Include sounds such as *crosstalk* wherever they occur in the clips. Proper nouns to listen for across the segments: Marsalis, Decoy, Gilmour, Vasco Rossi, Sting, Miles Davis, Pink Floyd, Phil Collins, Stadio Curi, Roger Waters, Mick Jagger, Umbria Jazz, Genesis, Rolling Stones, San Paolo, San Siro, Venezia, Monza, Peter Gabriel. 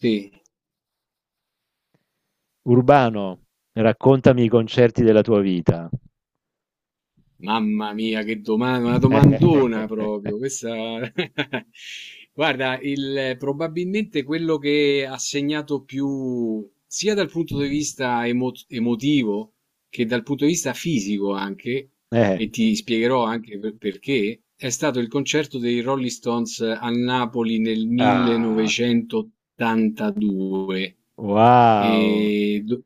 Sì. Urbano, raccontami i concerti della tua vita. Mamma mia, che domanda, una domandona *laughs* proprio. Questa... *laughs* Guarda, probabilmente quello che ha segnato più, sia dal punto di vista emotivo che dal punto di vista fisico anche, Eh, e ti spiegherò anche perché, è stato il concerto dei Rolling Stones a Napoli nel ah, 1982 wow. e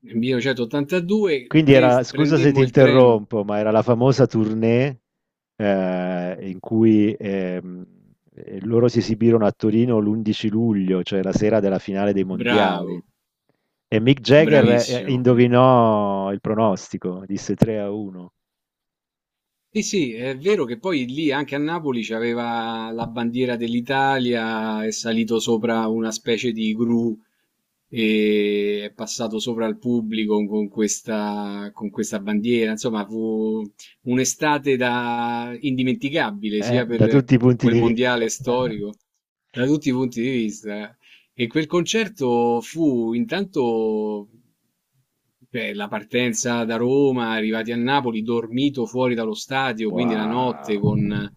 nel 1982 Quindi era, scusa se ti prendemmo il treno. interrompo, ma era la famosa tournée in cui loro si esibirono a Torino l'11 luglio, cioè la sera della finale dei mondiali. Bravo, E Mick Jagger bravissimo. indovinò il pronostico, disse 3 a 1, Sì, sì, è vero che poi lì anche a Napoli c'aveva la bandiera dell'Italia, è salito sopra una specie di gru e è passato sopra al pubblico con questa bandiera. Insomma, fu un'estate da indimenticabile, sia da per tutti i punti quel di mondiale vista. *laughs* storico, da tutti i punti di vista. E quel concerto fu intanto beh, la partenza da Roma, arrivati a Napoli, dormito fuori dallo stadio, quindi la notte Wow, con...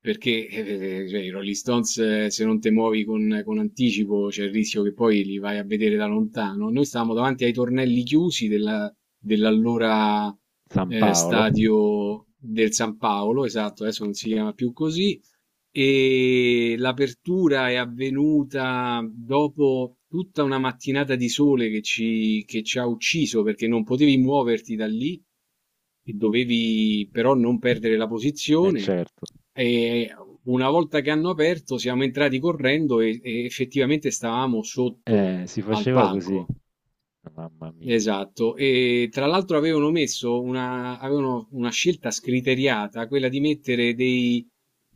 perché cioè, i Rolling Stones se non te muovi con anticipo c'è il rischio che poi li vai a vedere da lontano. Noi stavamo davanti ai tornelli chiusi dell'allora San Paolo. stadio del San Paolo, esatto, adesso non si chiama più così, e l'apertura è avvenuta dopo tutta una mattinata di sole che ci ha ucciso perché non potevi muoverti da lì e dovevi però non perdere la Eh posizione. certo, E una volta che hanno aperto siamo entrati correndo e effettivamente stavamo sotto si al faceva così, palco. mamma mia. Esatto, e tra l'altro avevano messo una, avevano una scelta scriteriata, quella di mettere dei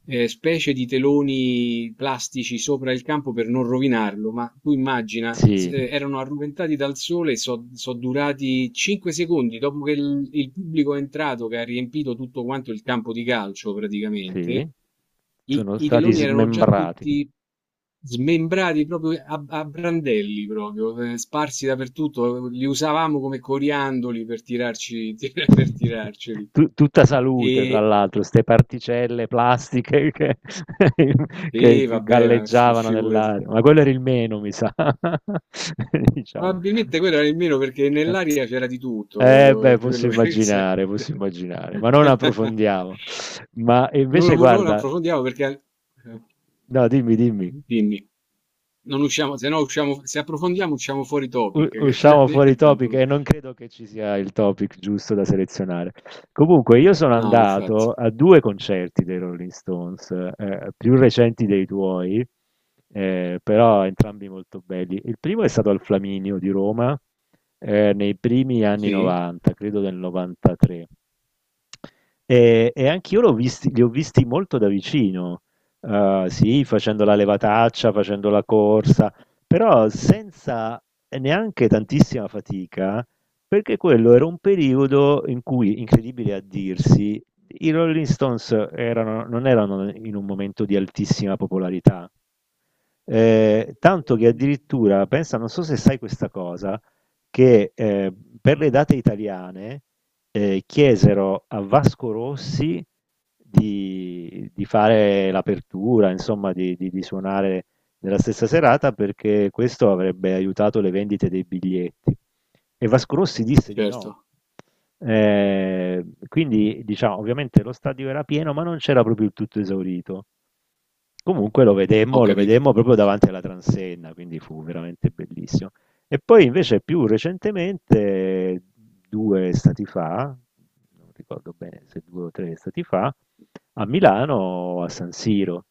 specie di teloni plastici sopra il campo per non rovinarlo, ma tu immagina, Sì, erano arroventati dal sole, sono durati 5 secondi dopo che il pubblico è entrato, che ha riempito tutto quanto il campo di calcio sì, praticamente, i, sono i stati teloni erano già smembrati. tutti smembrati proprio a, a brandelli, proprio sparsi dappertutto. Li usavamo come coriandoli per tirarci, *laughs* per *laughs* tirarceli. Tutta salute, fra E, l'altro, ste particelle plastiche che, *laughs* che e vabbè, ma galleggiavano figurati. nell'aria, ma quello era il meno, mi sa. *laughs* Diciamo. Probabilmente quello era il meno perché nell'aria c'era di tutto, Eh beh, proprio quello che *laughs* sei. Posso immaginare, ma non approfondiamo. Ma Non, invece, non guarda, approfondiamo perché... eh, no, dimmi, dimmi. Dimmi. Non usciamo, se no usciamo, se approfondiamo usciamo fuori U- topic, che ci usciamo fuori diventa un topic pro- e non credo che ci sia il topic giusto da selezionare. Comunque, io sono No, infatti, andato a due concerti dei Rolling Stones, più recenti dei tuoi, però entrambi molto belli. Il primo è stato al Flaminio di Roma, nei primi anni sì, 90, credo del 93. E anch'io l'ho visti li ho visti molto da vicino, sì, facendo la levataccia, facendo la corsa, però senza neanche tantissima fatica, perché quello era un periodo in cui, incredibile a dirsi, i Rolling Stones erano non erano in un momento di altissima popolarità. Tanto che addirittura, pensa, non so se sai questa cosa, che per le date italiane chiesero a Vasco Rossi di fare l'apertura, insomma, di suonare nella stessa serata perché questo avrebbe aiutato le vendite dei biglietti. E Vasco Rossi disse di no, certo, quindi, diciamo, ovviamente lo stadio era pieno, ma non c'era proprio il tutto esaurito. Comunque ho lo capito. vedemmo proprio davanti alla transenna, quindi fu veramente bellissimo. E poi invece più recentemente, due stati fa, non ricordo bene se due o tre stati fa, a Milano, a San Siro.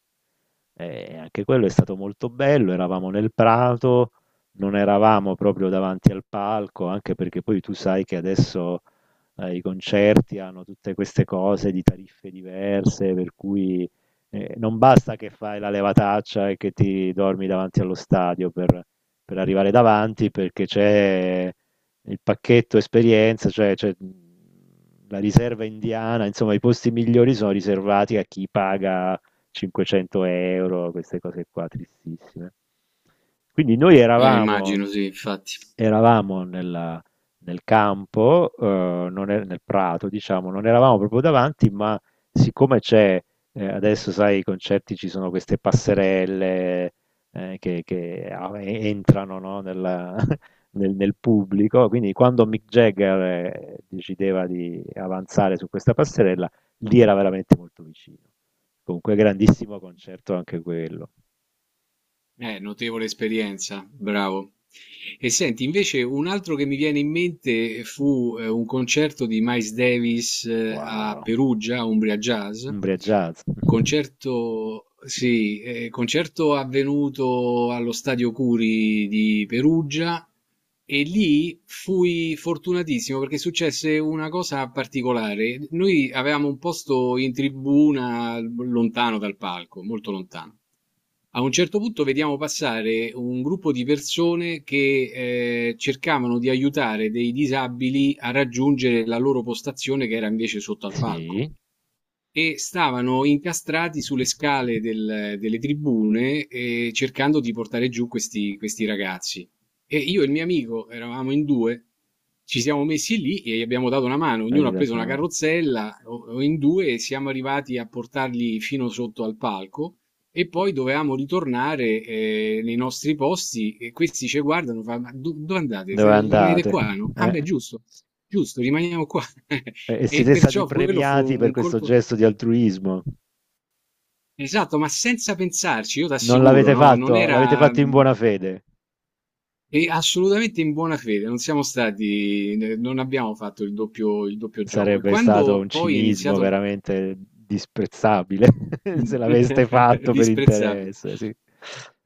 E anche quello è stato molto bello, eravamo nel prato, non eravamo proprio davanti al palco, anche perché poi tu sai che adesso i concerti hanno tutte queste cose di tariffe diverse, per cui non basta che fai la levataccia e che ti dormi davanti allo stadio per arrivare davanti, perché c'è il pacchetto esperienza, cioè c'è la riserva indiana, insomma i posti migliori sono riservati a chi paga 500 euro, queste cose qua tristissime. Quindi noi Immagino, sì, infatti. eravamo nel campo, non è- nel prato, diciamo, non eravamo proprio davanti, ma siccome adesso sai, i concerti ci sono queste passerelle entrano, no, *laughs* nel pubblico, quindi quando Mick Jagger decideva di avanzare su questa passerella, lì era veramente molto vicino. Comunque grandissimo concerto anche quello. Notevole esperienza, bravo. E senti, invece un altro che mi viene in mente fu un concerto di Miles Davis a Wow, Perugia, a Umbria Jazz. Umbria Jazz. *laughs* Concerto, sì, concerto avvenuto allo Stadio Curi di Perugia e lì fui fortunatissimo perché successe una cosa particolare. Noi avevamo un posto in tribuna lontano dal palco, molto lontano. A un certo punto vediamo passare un gruppo di persone che cercavano di aiutare dei disabili a raggiungere la loro postazione che era invece sotto al palco. Sì, E stavano incastrati sulle scale delle tribune, cercando di portare giù questi ragazzi. E io e il mio amico, eravamo in 2, ci siamo messi lì e gli abbiamo dato una mano, ognuno avete ha preso dato una una mano. carrozzella o in 2 e siamo arrivati a portarli fino sotto al palco e poi dovevamo ritornare, nei nostri posti e questi ce guardano, fa: "Ma do dove andate? Se Dove rimanete andate? qua, no?" "Ah beh, Eh? giusto, giusto, rimaniamo qua." *laughs* E E siete stati perciò quello fu premiati per un questo colpo. gesto di altruismo. Esatto, ma senza pensarci, io Non t'assicuro, l'avete no, non fatto, l'avete era fatto in buona fede. e assolutamente in buona fede, non siamo stati, non abbiamo fatto il doppio gioco. E Sarebbe stato quando un poi è cinismo iniziato il veramente disprezzabile *laughs* se l'aveste fatto *laughs* per disprezzabile, interesse, sì.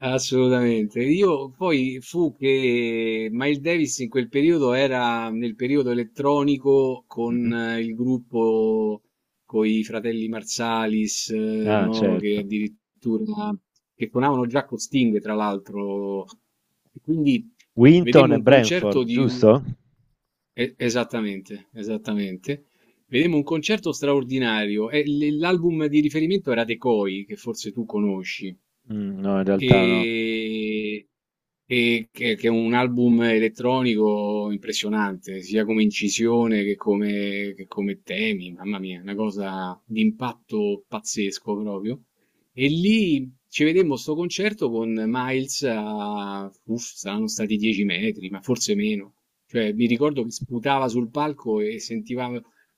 assolutamente. Io poi fu che Miles Davis in quel periodo era nel periodo elettronico con Mhm. Il gruppo con i fratelli Marsalis, Ah, no? Che certo. addirittura che suonavano già con Sting, tra l'altro. E quindi Winton vedemmo e un concerto Brentford, di giusto? Esattamente, esattamente. Vedemmo un concerto straordinario. E l'album di riferimento era Decoy, che forse tu conosci Mm, no, in realtà no. e, e che è un album elettronico impressionante, sia come incisione che come temi, mamma mia, una cosa di impatto pazzesco proprio. E lì ci vedemmo sto concerto con Miles a, uff, saranno stati 10 metri, ma forse meno. Cioè, mi ricordo che sputava sul palco e sentiva,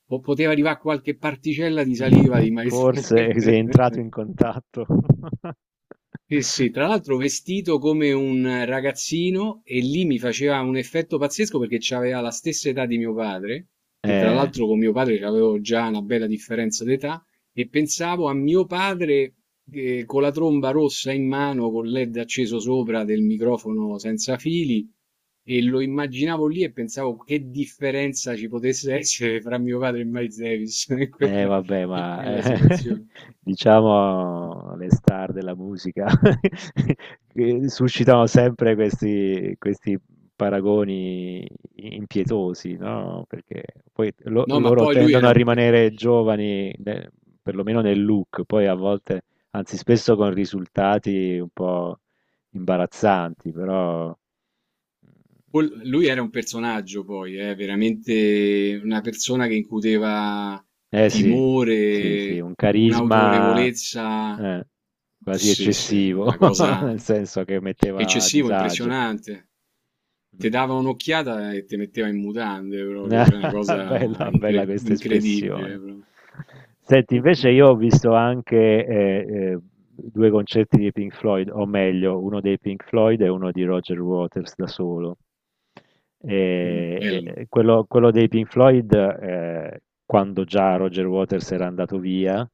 o poteva arrivare qualche particella di *laughs* saliva di Mh-mh. Miles. *laughs* Forse sei entrato in contatto. *laughs* Sì, sì, tra l'altro vestito come un ragazzino e lì mi faceva un effetto pazzesco perché aveva la stessa età di mio padre, che tra Eh, l'altro con mio padre avevo già una bella differenza d'età, e pensavo a mio padre con la tromba rossa in mano, con LED acceso sopra del microfono senza fili, e lo immaginavo lì e pensavo che differenza ci potesse essere fra mio padre e Miles Davis *laughs* eh vabbè, in ma, quella situazione. *laughs* diciamo le star della musica *laughs* che suscitano sempre questi paragoni i impietosi, no, perché poi lo No, ma loro poi lui tendono era a un... rimanere giovani ne perlomeno nel look, poi a volte, anzi spesso con risultati un po' imbarazzanti, però. Lui era un personaggio poi, veramente una persona che incuteva Eh sì, sì, sì, timore, un carisma un'autorevolezza, eh, quasi sì, sì, una eccessivo, *laughs* cosa nel senso che metteva a eccessiva, disagio. impressionante. Ti Mm. dava un'occhiata e ti metteva in mutande proprio, cioè una *laughs* cosa Bella, bella questa incredibile espressione. proprio. Senti, invece io ho *laughs* visto anche eh, due concerti di Pink Floyd, o meglio, uno dei Pink Floyd e uno di Roger Waters da solo. Mm, E, bello, e quello dei Pink Floyd, quando già Roger Waters era andato via,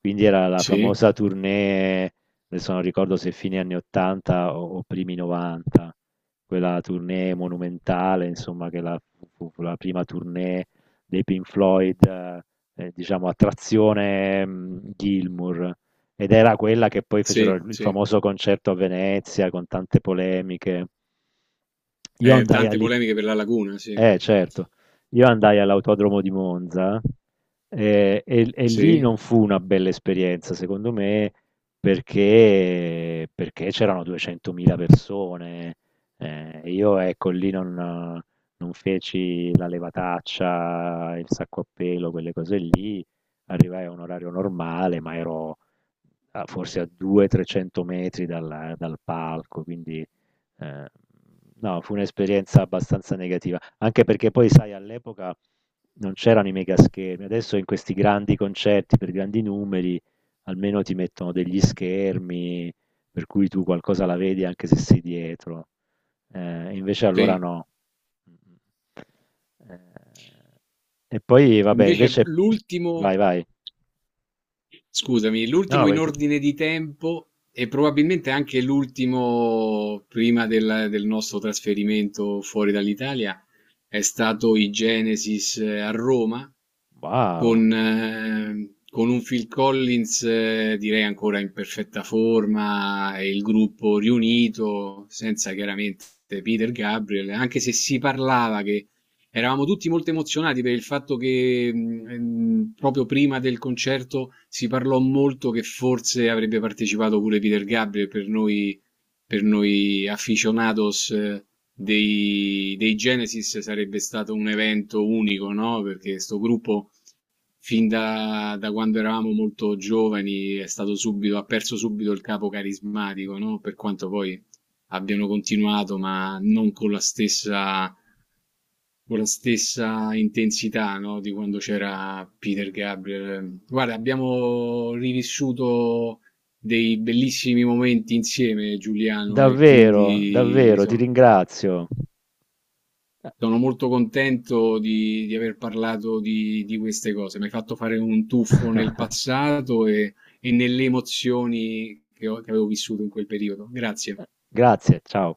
quindi era la sì, famosa tournée. Adesso non ricordo se fine anni 80 o primi 90, quella tournée monumentale, insomma, fu la prima tournée dei Pink Floyd, diciamo, a trazione Gilmour. Ed era quella che poi fecero sì, il sì. famoso concerto a Venezia con tante polemiche. Io andai a Tante lì polemiche per la laguna, sì, eh certo, io andai all'autodromo di Monza e lì sì, non fu una bella esperienza, secondo me, perché c'erano 200.000 persone. Io, ecco, lì non feci la levataccia, il sacco a pelo, quelle cose lì. Arrivai a un orario normale, ma ero forse a 200-300 metri dal palco, quindi Ehm, no, fu un'esperienza abbastanza negativa, anche perché poi sai all'epoca non c'erano i megaschermi, adesso in questi grandi concerti per grandi numeri almeno ti mettono degli schermi per cui tu qualcosa la vedi anche se sei dietro. Invece allora sì. no. Eh, e poi vabbè, Invece invece l'ultimo vai, vai. scusami, No, l'ultimo in vai tu. ordine di tempo e probabilmente anche l'ultimo prima del, del nostro trasferimento fuori dall'Italia è stato i Genesis a Roma Wow, con un Phil Collins, direi ancora in perfetta forma e il gruppo riunito, senza chiaramente Peter Gabriel, anche se si parlava che eravamo tutti molto emozionati per il fatto che proprio prima del concerto si parlò molto che forse avrebbe partecipato pure Peter Gabriel per noi aficionados. Dei, dei Genesis sarebbe stato un evento unico, no? Perché sto gruppo, fin da, da quando eravamo molto giovani è stato subito, ha perso subito il capo carismatico, no? Per quanto poi abbiano continuato, ma non con la stessa, con la stessa intensità, no? Di quando c'era Peter Gabriel. Guarda, abbiamo rivissuto dei bellissimi momenti insieme, Giuliano, e davvero, quindi davvero, ti so, ringrazio. Eh, sono molto contento di aver parlato di queste cose. Mi hai fatto fare un tuffo nel passato e nelle emozioni che, che avevo vissuto in quel periodo. Grazie. Grazie, ciao.